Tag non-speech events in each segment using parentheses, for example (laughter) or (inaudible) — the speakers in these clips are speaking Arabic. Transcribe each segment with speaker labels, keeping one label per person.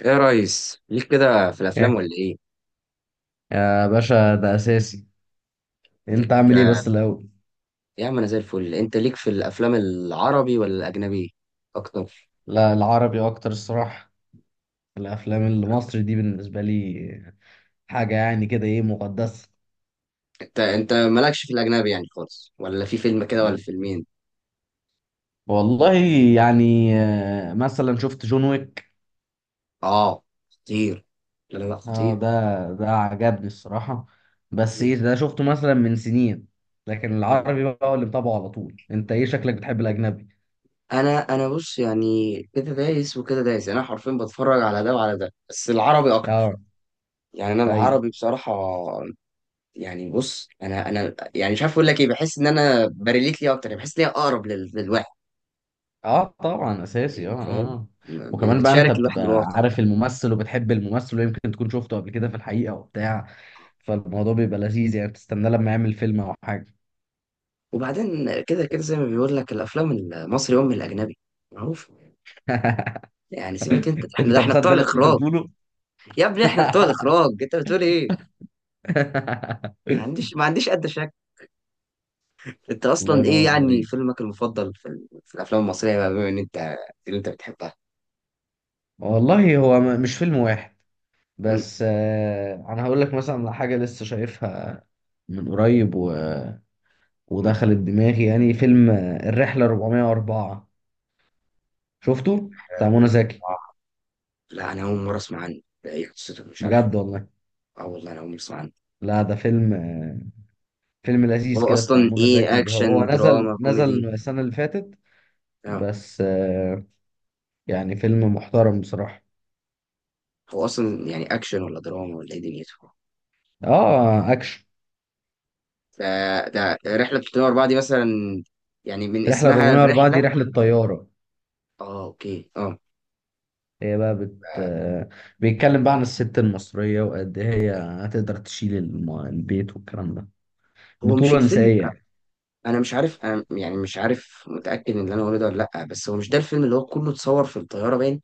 Speaker 1: ايه يا ريس، ليك كده في الافلام
Speaker 2: إيه؟
Speaker 1: ولا ايه؟
Speaker 2: يا باشا ده اساسي. انت
Speaker 1: ليك
Speaker 2: عامل ايه
Speaker 1: آه،
Speaker 2: بس الاول؟
Speaker 1: يا عم انا زي الفل. انت ليك في الافلام العربي ولا الاجنبي اكتر؟
Speaker 2: لا، العربي اكتر الصراحه. الافلام المصري دي بالنسبه لي حاجه يعني كده ايه مقدسه.
Speaker 1: انت مالكش في الاجنبي يعني خالص، ولا في فيلم كده ولا فيلمين؟
Speaker 2: والله يعني مثلا شفت جون ويك.
Speaker 1: اه خطير. لا لا لا
Speaker 2: اه، ده
Speaker 1: خطير.
Speaker 2: ده عجبني الصراحه، بس
Speaker 1: م-
Speaker 2: ايه ده شفته مثلا من سنين، لكن
Speaker 1: م.
Speaker 2: العربي بقى هو اللي متابعه على طول. انت ايه شكلك بتحب الاجنبي؟
Speaker 1: انا بص، يعني كده دايس وكده دايس، يعني انا حرفيا بتفرج على ده وعلى ده، بس العربي اكتر.
Speaker 2: اه،
Speaker 1: يعني انا
Speaker 2: ايوه.
Speaker 1: العربي بصراحه. يعني بص، انا يعني مش عارف اقول لك ايه، بحس ان انا بريليت ليه اكتر، يعني بحس ليه اقرب للواحد.
Speaker 2: اه طبعا، اساسي، اه،
Speaker 1: يعني
Speaker 2: اه.
Speaker 1: فاهم.
Speaker 2: آه. وكمان بقى انت
Speaker 1: بتشارك الواحد
Speaker 2: بتبقى
Speaker 1: الواقع.
Speaker 2: عارف الممثل وبتحب الممثل، ويمكن تكون شفته قبل كده في الحقيقة وبتاع، فالموضوع بيبقى لذيذ يعني بتستناه لما يعمل فيلم او حاجة.
Speaker 1: وبعدين كده كده زي ما بيقول لك، الافلام المصري ام الاجنبي معروف.
Speaker 2: (laughs)
Speaker 1: يعني سيبك انت، احنا ده
Speaker 2: انت
Speaker 1: احنا بتوع
Speaker 2: مصدق اللي انت
Speaker 1: الاخراج.
Speaker 2: بتقوله؟
Speaker 1: يا ابني احنا بتوع
Speaker 2: (laughs)
Speaker 1: الاخراج، انت بتقول ايه؟ ما عنديش ادنى شك. انت
Speaker 2: الله
Speaker 1: اصلا ايه
Speaker 2: ينور
Speaker 1: يعني
Speaker 2: عليك.
Speaker 1: فيلمك المفضل في الافلام المصريه بقى، بما ان انت اللي انت بتحبها.
Speaker 2: والله هو مش فيلم واحد،
Speaker 1: امم.
Speaker 2: بس انا هقول لك مثلا على حاجة لسه شايفها من قريب
Speaker 1: أمم.
Speaker 2: ودخلت دماغي، يعني فيلم الرحلة 404، شفته بتاع
Speaker 1: حلو،
Speaker 2: منى
Speaker 1: أمم.
Speaker 2: زكي.
Speaker 1: آه. لا انا اول مره اسمع عنه، لا، ايه قصته؟ مش عارفه.
Speaker 2: بجد والله؟
Speaker 1: اه والله انا اول مره اسمع عنه.
Speaker 2: لا ده فيلم فيلم لذيذ
Speaker 1: هو
Speaker 2: كده بتاع
Speaker 1: اصلا
Speaker 2: منى
Speaker 1: ايه؟
Speaker 2: زكي، هو
Speaker 1: اكشن
Speaker 2: نزل
Speaker 1: دراما
Speaker 2: نزل
Speaker 1: كوميدي؟
Speaker 2: السنة اللي فاتت.
Speaker 1: اه.
Speaker 2: بس يعني فيلم محترم بصراحة.
Speaker 1: هو اصلا يعني اكشن ولا دراما ولا ايه دنيته؟
Speaker 2: اه، اكشن.
Speaker 1: ده ده رحلة 304 دي مثلا، يعني من
Speaker 2: رحلة
Speaker 1: اسمها
Speaker 2: 404 دي
Speaker 1: الرحلة.
Speaker 2: رحلة طيارة،
Speaker 1: اه اوكي اه.
Speaker 2: هي بقى بت آه، بيتكلم بقى عن الست المصرية وقد إيه هي هتقدر تشيل البيت والكلام ده،
Speaker 1: هو مش
Speaker 2: بطولة
Speaker 1: الفيلم،
Speaker 2: نسائية يعني.
Speaker 1: انا مش عارف، انا يعني مش عارف متأكد ان اللي انا بقوله ده ولا لا، بس هو مش ده الفيلم اللي هو كله اتصور في الطيارة باين،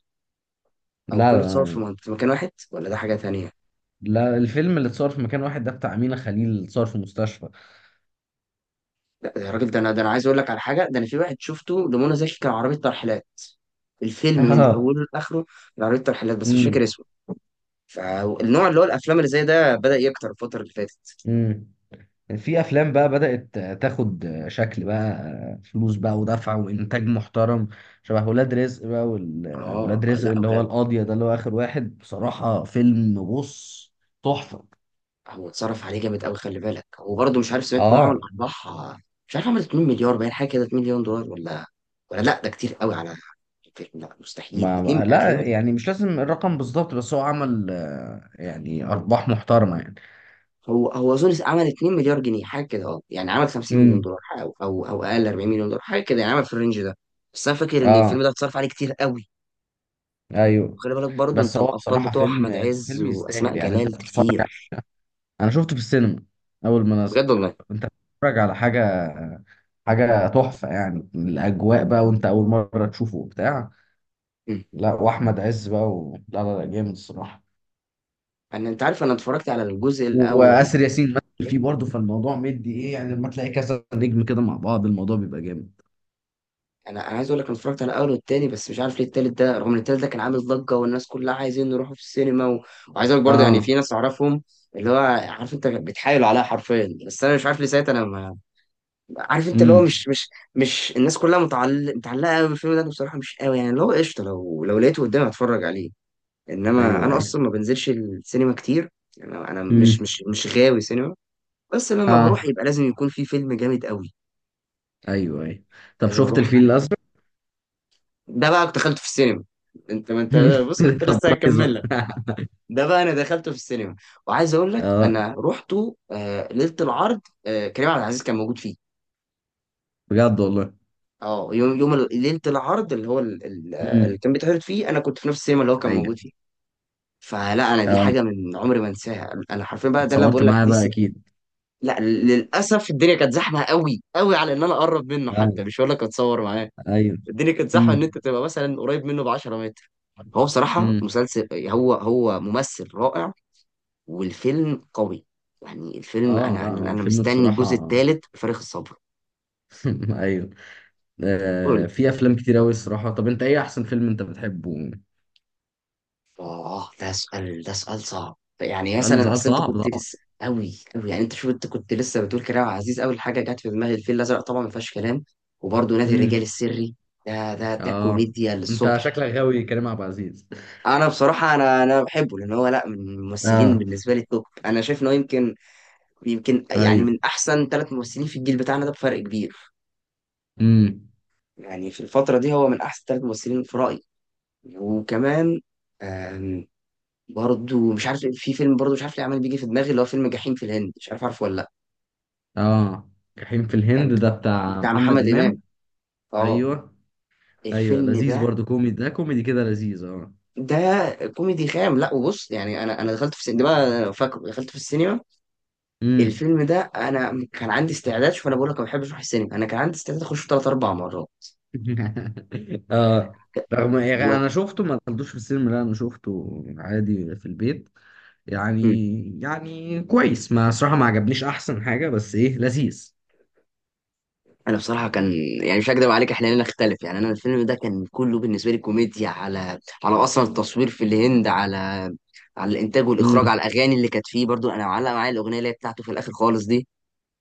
Speaker 1: او
Speaker 2: لا،
Speaker 1: كله اتصور
Speaker 2: لا،
Speaker 1: في مكان واحد، ولا ده حاجة تانية؟
Speaker 2: لا. الفيلم اللي اتصور في مكان واحد ده بتاع أمينة خليل، اتصور في مستشفى.
Speaker 1: لا يا راجل، ده انا، ده انا عايز اقول لك على حاجة، ده انا في واحد شفته لمنى زكي كان عربية ترحيلات.
Speaker 2: (laughs)
Speaker 1: الفيلم من
Speaker 2: اه.
Speaker 1: اوله لاخره كان عربية ترحيلات، بس مش
Speaker 2: امم.
Speaker 1: فاكر اسمه. فالنوع اللي هو الافلام اللي زي ده بدأ يكتر الفترة اللي فاتت.
Speaker 2: امم. في افلام بقى بدأت تاخد شكل بقى، فلوس بقى ودفع وانتاج محترم، شبه ولاد رزق بقى
Speaker 1: اه
Speaker 2: ولاد رزق
Speaker 1: لا
Speaker 2: اللي هو
Speaker 1: اولاد.
Speaker 2: القاضية ده اللي هو اخر واحد، بصراحة فيلم، بص، تحفة.
Speaker 1: هو اتصرف عليه جامد قوي، خلي بالك، وبرضه مش عارف، سمعت انه عمل
Speaker 2: اه.
Speaker 1: ارباح. مش عارف عمل 2 مليار باين حاجه كده، 2 مليون دولار، ولا ولا لا، ده كتير قوي على الفيلم. لا مستحيل 2
Speaker 2: لا،
Speaker 1: هتلاقيه.
Speaker 2: يعني مش لازم الرقم بالظبط، بس هو عمل يعني ارباح محترمة يعني.
Speaker 1: هو اظن عمل 2 مليار جنيه حاجه كده، اه يعني عمل 50 مليون
Speaker 2: امم.
Speaker 1: دولار حاجة، او اقل 40 مليون دولار حاجه كده، يعني عمل في الرينج ده. بس انا فاكر ان
Speaker 2: اه،
Speaker 1: الفيلم ده اتصرف عليه كتير قوي.
Speaker 2: ايوه.
Speaker 1: وخلي بالك برضه
Speaker 2: بس
Speaker 1: انت،
Speaker 2: هو
Speaker 1: الابطال
Speaker 2: بصراحة
Speaker 1: بتوع احمد
Speaker 2: فيلم
Speaker 1: عز
Speaker 2: فيلم يستاهل،
Speaker 1: واسماء
Speaker 2: يعني انت
Speaker 1: جلال
Speaker 2: بتتفرج.
Speaker 1: كتير.
Speaker 2: انا شفته في السينما اول ما نزل.
Speaker 1: بجد والله.
Speaker 2: انت بتتفرج على حاجه، حاجه تحفه، يعني الاجواء بقى وانت اول مره تشوفه وبتاع.
Speaker 1: مم.
Speaker 2: لا، واحمد عز بقى لا، لا، لا، جامد الصراحه.
Speaker 1: انا، انت عارف، انا اتفرجت على الجزء الاول
Speaker 2: واسر ياسين مثل فيه
Speaker 1: والتاني.
Speaker 2: برضه، فالموضوع مدي ايه يعني لما تلاقي كذا نجم كده مع بعض الموضوع بيبقى جامد.
Speaker 1: انا عايز اقول لك انا اتفرجت على الاول والتاني، بس مش عارف ليه التالت ده، رغم ان التالت ده كان عامل ضجه والناس كلها عايزين نروحوا في السينما وعايز اقول لك برضه يعني
Speaker 2: اه،
Speaker 1: في ناس اعرفهم، اللي هو عارف انت بتحايل عليها حرفيا، بس انا مش عارف ليه ساعتها انا ما... عارف انت اللي هو
Speaker 2: امم،
Speaker 1: مش مش الناس كلها متعلقه قوي بالفيلم ده. أنا بصراحه مش قوي، يعني اللي هو قشطه، لو لقيته قدامي هتفرج عليه. انما
Speaker 2: ايوه،
Speaker 1: انا
Speaker 2: ايوه،
Speaker 1: اصلا ما بنزلش السينما كتير. يعني انا، أنا مش
Speaker 2: امم،
Speaker 1: مش مش غاوي سينما، بس لما
Speaker 2: اه،
Speaker 1: بروح يبقى لازم يكون في فيلم جامد قوي. يعني
Speaker 2: ايوه، ايوه. طب
Speaker 1: لازم
Speaker 2: شفت
Speaker 1: اروح.
Speaker 2: الفيل الازرق؟
Speaker 1: ده بقى كنت دخلته في السينما. انت ما انت. بص كنت
Speaker 2: (laughs) طب
Speaker 1: لسه
Speaker 2: كويس
Speaker 1: هكمل لك،
Speaker 2: بقى.
Speaker 1: ده بقى انا دخلته في السينما. وعايز اقول لك
Speaker 2: (laughs) اه،
Speaker 1: انا رحته آه ليله العرض، آه كريم عبد العزيز كان موجود فيه.
Speaker 2: بجد والله.
Speaker 1: اه ليله العرض اللي هو اللي
Speaker 2: امم،
Speaker 1: كان بيتعرض فيه، انا كنت في نفس السينما اللي هو كان
Speaker 2: ايوه،
Speaker 1: موجود فيه. فلا انا دي
Speaker 2: اه.
Speaker 1: حاجه من عمري ما انساها، انا حرفيا بقى ده اللي أنا
Speaker 2: اتصورت
Speaker 1: بقول لك،
Speaker 2: معاه بقى اكيد؟
Speaker 1: لا للاسف الدنيا كانت زحمه قوي قوي على ان انا اقرب منه،
Speaker 2: آه.
Speaker 1: حتى مش هقول لك اتصور معاه.
Speaker 2: ايوه.
Speaker 1: الدنيا كانت زحمه ان
Speaker 2: امم.
Speaker 1: انت تبقى مثلا قريب منه ب 10 متر. هو بصراحه
Speaker 2: امم.
Speaker 1: مسلسل، هو ممثل رائع والفيلم قوي. يعني الفيلم،
Speaker 2: اه.
Speaker 1: انا
Speaker 2: لا، هو
Speaker 1: انا أنا
Speaker 2: الفيلم
Speaker 1: مستني الجزء
Speaker 2: بصراحة.
Speaker 1: الثالث بفارغ الصبر.
Speaker 2: (laughs) ايوه.
Speaker 1: قول لي.
Speaker 2: في افلام كتير قوي الصراحة، طب انت ايه احسن فيلم انت بتحبه؟
Speaker 1: اه ده سؤال، ده سؤال صعب، يعني
Speaker 2: سؤال
Speaker 1: مثلا
Speaker 2: سؤال
Speaker 1: اصل انت
Speaker 2: صعب
Speaker 1: كنت
Speaker 2: طبعا.
Speaker 1: لسه قوي قوي، يعني انت شوف انت كنت لسه بتقول كريم عبد العزيز، اول حاجه جت في دماغي الفيل الازرق، طبعا ما فيهاش كلام. وبرده نادي الرجال
Speaker 2: امم،
Speaker 1: السري، ده
Speaker 2: اه.
Speaker 1: كوميديا
Speaker 2: انت
Speaker 1: للصبح.
Speaker 2: شكلك غاوي كريم عبد العزيز.
Speaker 1: انا بصراحه، انا بحبه لان هو لا من الممثلين
Speaker 2: اه،
Speaker 1: بالنسبه لي توب، انا شايف انه يمكن، يعني
Speaker 2: ايوه.
Speaker 1: من احسن ثلاث ممثلين في الجيل بتاعنا ده بفرق كبير.
Speaker 2: امم،
Speaker 1: يعني في الفتره دي هو من احسن ثلاث ممثلين في رايي. وكمان، آم، برضو مش عارف في فيلم، برضو مش عارف ليه عمال بيجي في دماغي، اللي هو فيلم جحيم في الهند، مش عارف عارفه ولا لا.
Speaker 2: اه. جحيم في
Speaker 1: كان
Speaker 2: الهند ده بتاع
Speaker 1: بتاع
Speaker 2: محمد
Speaker 1: محمد امام.
Speaker 2: امام.
Speaker 1: اه
Speaker 2: ايوه، ايوه،
Speaker 1: الفيلم
Speaker 2: لذيذ
Speaker 1: ده،
Speaker 2: برضو كوميدي، ده كوميدي كده لذيذ، اه.
Speaker 1: ده كوميدي خام. لا وبص يعني انا دخلت في السينما، فاكر دخلت في السينما
Speaker 2: امم.
Speaker 1: الفيلم ده، انا كان عندي استعداد، شوف انا بقول لك ما بحبش اروح السينما، انا كان عندي استعداد اخش ثلاث اربع مرات.
Speaker 2: (laughs) اه. رغم
Speaker 1: هو
Speaker 2: يعني انا شفته ما دخلتوش في السينما، لا انا شفته عادي في البيت يعني. كويس، ما صراحة ما عجبنيش احسن حاجة، بس ايه لذيذ.
Speaker 1: انا بصراحه كان يعني مش هكدب عليك، احنا لنا اختلف يعني. انا الفيلم ده كان كله بالنسبه لي كوميديا، على على اصلا التصوير في الهند، على على الانتاج
Speaker 2: امم،
Speaker 1: والاخراج، على الاغاني اللي كانت فيه. برضو انا معلق معايا الاغنيه اللي هي بتاعته في الاخر خالص دي،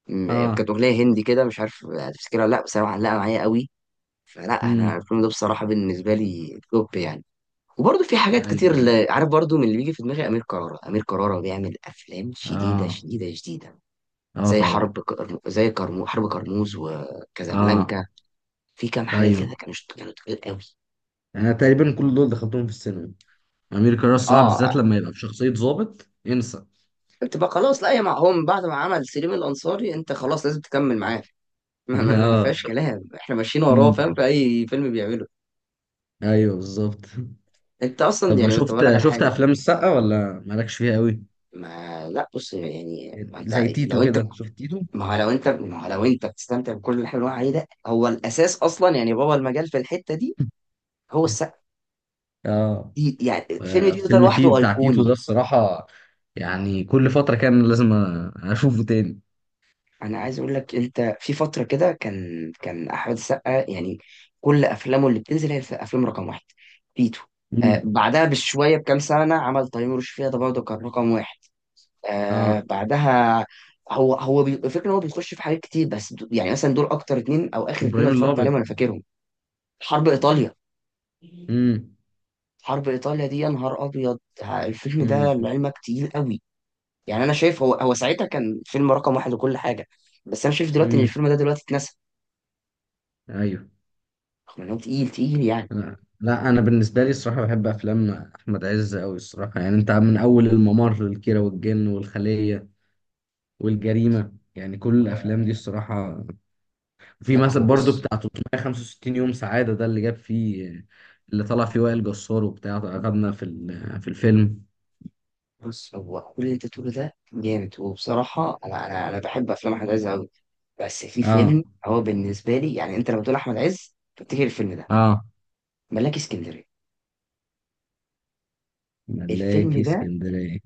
Speaker 1: كانت
Speaker 2: اه.
Speaker 1: اغنيه هندي كده، مش عارف هتفتكرها ولا لا، بس انا معلقه معايا قوي. فلا انا
Speaker 2: امم،
Speaker 1: الفيلم ده بصراحه بالنسبه لي توب يعني. وبرضه في حاجات
Speaker 2: ايوه،
Speaker 1: كتير،
Speaker 2: أيوة.
Speaker 1: عارف برضه من اللي بيجي في دماغي، امير كرارة. امير كرارة بيعمل افلام شديده
Speaker 2: اه،
Speaker 1: شديده شديده،
Speaker 2: اه
Speaker 1: زي
Speaker 2: طبعا،
Speaker 1: حرب كرموز
Speaker 2: اه،
Speaker 1: وكازابلانكا. في كام حاجة
Speaker 2: ايوه.
Speaker 1: كده كانوا اشتغلوا تقيل قوي.
Speaker 2: انا تقريبا كل دول دخلتهم في السينما. امير كرارة الصراحة
Speaker 1: اه
Speaker 2: بالذات لما يبقى بشخصية ضابط انسى.
Speaker 1: تبقى خلاص لا يا معهم، بعد ما عمل سليم الأنصاري انت خلاص لازم تكمل معاه. ما,
Speaker 2: (laughs)
Speaker 1: ما, ما
Speaker 2: اه،
Speaker 1: فيهاش كلام، احنا ماشيين وراه فاهم
Speaker 2: امم،
Speaker 1: في اي فيلم بيعمله.
Speaker 2: ايوه، بالظبط.
Speaker 1: انت اصلا
Speaker 2: طب
Speaker 1: يعني كنت بقول لك
Speaker 2: شفت
Speaker 1: على
Speaker 2: شفت
Speaker 1: حاجة.
Speaker 2: افلام السقا ولا مالكش فيها قوي؟
Speaker 1: ما لا بص يعني
Speaker 2: زي تيتو كده، شفت تيتو؟
Speaker 1: ما هو لو انت بتستمتع بكل اللي حلو عليه ده هو الاساس اصلا، يعني بابا المجال في الحتة دي هو السقا
Speaker 2: اه،
Speaker 1: دي، يعني الفيلم ده
Speaker 2: فيلم
Speaker 1: لوحده
Speaker 2: بتاع تيتو ده
Speaker 1: ايقوني.
Speaker 2: الصراحة، يعني كل فترة كان لازم أشوفه تاني.
Speaker 1: انا عايز اقول لك، انت في فتره كده كان احمد السقا، يعني كل افلامه اللي بتنزل هي افلام رقم واحد. تيتو. آه
Speaker 2: امم،
Speaker 1: بعدها بشويه بكام سنه عمل تيمور وشفيقة، ده برضه كان رقم واحد. آه
Speaker 2: اه.
Speaker 1: بعدها هو الفكره ان هو بيخش في حاجات كتير، بس يعني مثلا دول اكتر اتنين او اخر اتنين
Speaker 2: إبراهيم
Speaker 1: اللي اتفرجت عليهم
Speaker 2: الأبيض.
Speaker 1: انا فاكرهم. حرب ايطاليا.
Speaker 2: امم.
Speaker 1: حرب ايطاليا دي يا نهار ابيض، ها، الفيلم ده
Speaker 2: امم.
Speaker 1: لعلمك تقيل قوي. يعني انا شايف هو ساعتها كان فيلم رقم واحد وكل حاجه، بس انا شايف دلوقتي ان
Speaker 2: امم،
Speaker 1: الفيلم ده دلوقتي اتنسى.
Speaker 2: أيوه.
Speaker 1: خلانه تقيل تقيل يعني.
Speaker 2: لا. لا، أنا بالنسبة لي الصراحة بحب أفلام أحمد عز أوي الصراحة، يعني أنت من أول الممر، الكيرة والجن، والخلية، والجريمة، يعني كل
Speaker 1: و-
Speaker 2: الأفلام دي الصراحة. في
Speaker 1: لا هو
Speaker 2: مثلا برضو
Speaker 1: بص،
Speaker 2: بتاع 365 يوم سعادة ده، اللي جاب فيه اللي طلع فيه وائل جسار وبتاع، أخدنا في في الفيلم.
Speaker 1: بص هو كل اللي انت تقوله ده جامد، وبصراحة أنا بحب أفلام أحمد عز أوي. بس في
Speaker 2: اه،
Speaker 1: فيلم هو بالنسبة لي، يعني أنت لما تقول أحمد عز تفتكر الفيلم ده،
Speaker 2: اه.
Speaker 1: ملاك اسكندرية.
Speaker 2: ملاكي
Speaker 1: الفيلم ده،
Speaker 2: اسكندرية.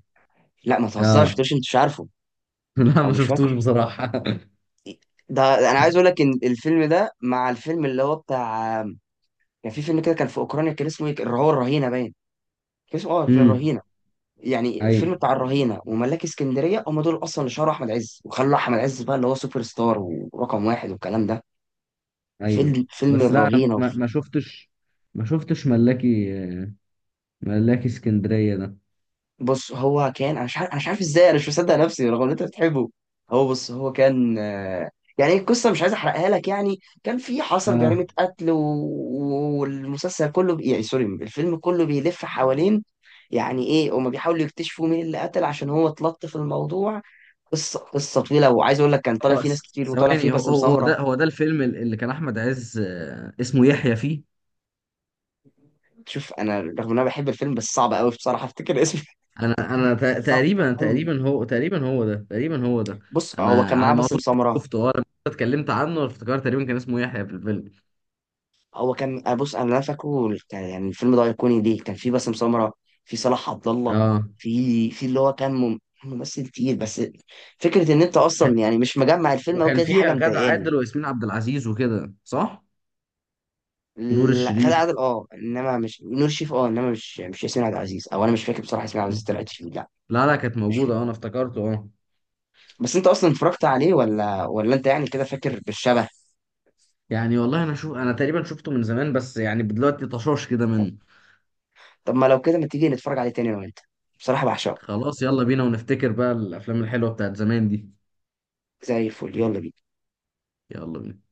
Speaker 1: لا ما تهزرش،
Speaker 2: اه.
Speaker 1: مش أنت مش عارفه
Speaker 2: (laughs) لا،
Speaker 1: أو
Speaker 2: ما
Speaker 1: مش
Speaker 2: شفتوش
Speaker 1: فاكره؟
Speaker 2: بصراحة. (laughs)
Speaker 1: ده أنا عايز أقول لك إن الفيلم ده مع الفيلم اللي هو بتاع، كان في فيلم كده، كان في أوكرانيا، كان اسمه إيه، اللي هو الرهينة باين. كان اسمه أه، كان
Speaker 2: امم،
Speaker 1: الرهينة، يعني فيلم بتاع
Speaker 2: ايوه،
Speaker 1: الرهينة وملاك اسكندرية هم دول أصلا اللي شهروا أحمد عز، وخلوا أحمد عز بقى اللي هو سوبر ستار ورقم واحد والكلام ده.
Speaker 2: ايوه.
Speaker 1: فيلم
Speaker 2: بس لا، أنا
Speaker 1: الرهينة،
Speaker 2: ما ما شفتش، ما شفتش ملاكي، ملاكي اسكندرية ده.
Speaker 1: بص هو كان، أنا مش عارف، أنا مش عارف إزاي أنا مش مصدق نفسي رغم إن أنت بتحبه. هو بص هو كان آه، يعني القصة مش عايز أحرقها لك يعني، كان في حصل جريمة
Speaker 2: اه،
Speaker 1: قتل يعني سوري، الفيلم كله بيلف حوالين يعني إيه، هما بيحاولوا يكتشفوا مين اللي قتل عشان هو اتلطف في الموضوع. قصه طويله، وعايز اقول لك كان طالع
Speaker 2: هو
Speaker 1: فيه ناس كتير، وطالع فيه
Speaker 2: ثواني، هو
Speaker 1: باسم
Speaker 2: هو هو
Speaker 1: سمره.
Speaker 2: ده هو ده الفيلم اللي كان احمد عز اسمه يحيى فيه.
Speaker 1: شوف انا رغم ان انا بحب الفيلم بس صعب قوي بصراحه افتكر اسمه.
Speaker 2: انا
Speaker 1: (laughs) صعب
Speaker 2: تقريبا
Speaker 1: قوي.
Speaker 2: تقريبا هو تقريبا هو ده.
Speaker 1: بص هو
Speaker 2: انا
Speaker 1: كان معاه
Speaker 2: على ما
Speaker 1: باسم
Speaker 2: اظن
Speaker 1: سمره،
Speaker 2: شفته، اه لما أنت اتكلمت عنه افتكرت تقريبا كان اسمه يحيى في الفيلم.
Speaker 1: هو كان، أنا بص انا اللي أنا فاكره يعني الفيلم ده ايقوني ليه كان فيه باسم سمره، في صلاح عبد الله،
Speaker 2: اه،
Speaker 1: في اللي هو كان ممثل تقيل. بس فكره ان انت
Speaker 2: ك...
Speaker 1: اصلا يعني مش مجمع الفيلم او
Speaker 2: وكان
Speaker 1: كده، دي
Speaker 2: فيه
Speaker 1: حاجه
Speaker 2: غادة
Speaker 1: مضايقاني.
Speaker 2: عادل وياسمين عبد العزيز وكده، صح؟ ونور
Speaker 1: لا غادة
Speaker 2: الشريف.
Speaker 1: عادل اه، انما مش نور شريف اه، انما مش ياسمين عبد العزيز، او انا مش فاكر بصراحه ياسمين عبد العزيز طلعت فيه لا.
Speaker 2: لا، لا، كانت
Speaker 1: مش،
Speaker 2: موجوده، اه، انا افتكرته اه.
Speaker 1: بس انت اصلا اتفرجت عليه ولا انت يعني كده فاكر بالشبه؟
Speaker 2: يعني والله انا تقريبا شفته من زمان، بس يعني دلوقتي طشاش كده من.
Speaker 1: طب ما لو كده، ما تيجي نتفرج عليه تاني انا وانت، بصراحة بعشقه.
Speaker 2: خلاص، يلا بينا ونفتكر بقى الافلام الحلوه بتاعت زمان دي.
Speaker 1: زي الفل، يلا بينا.
Speaker 2: يلا بينا.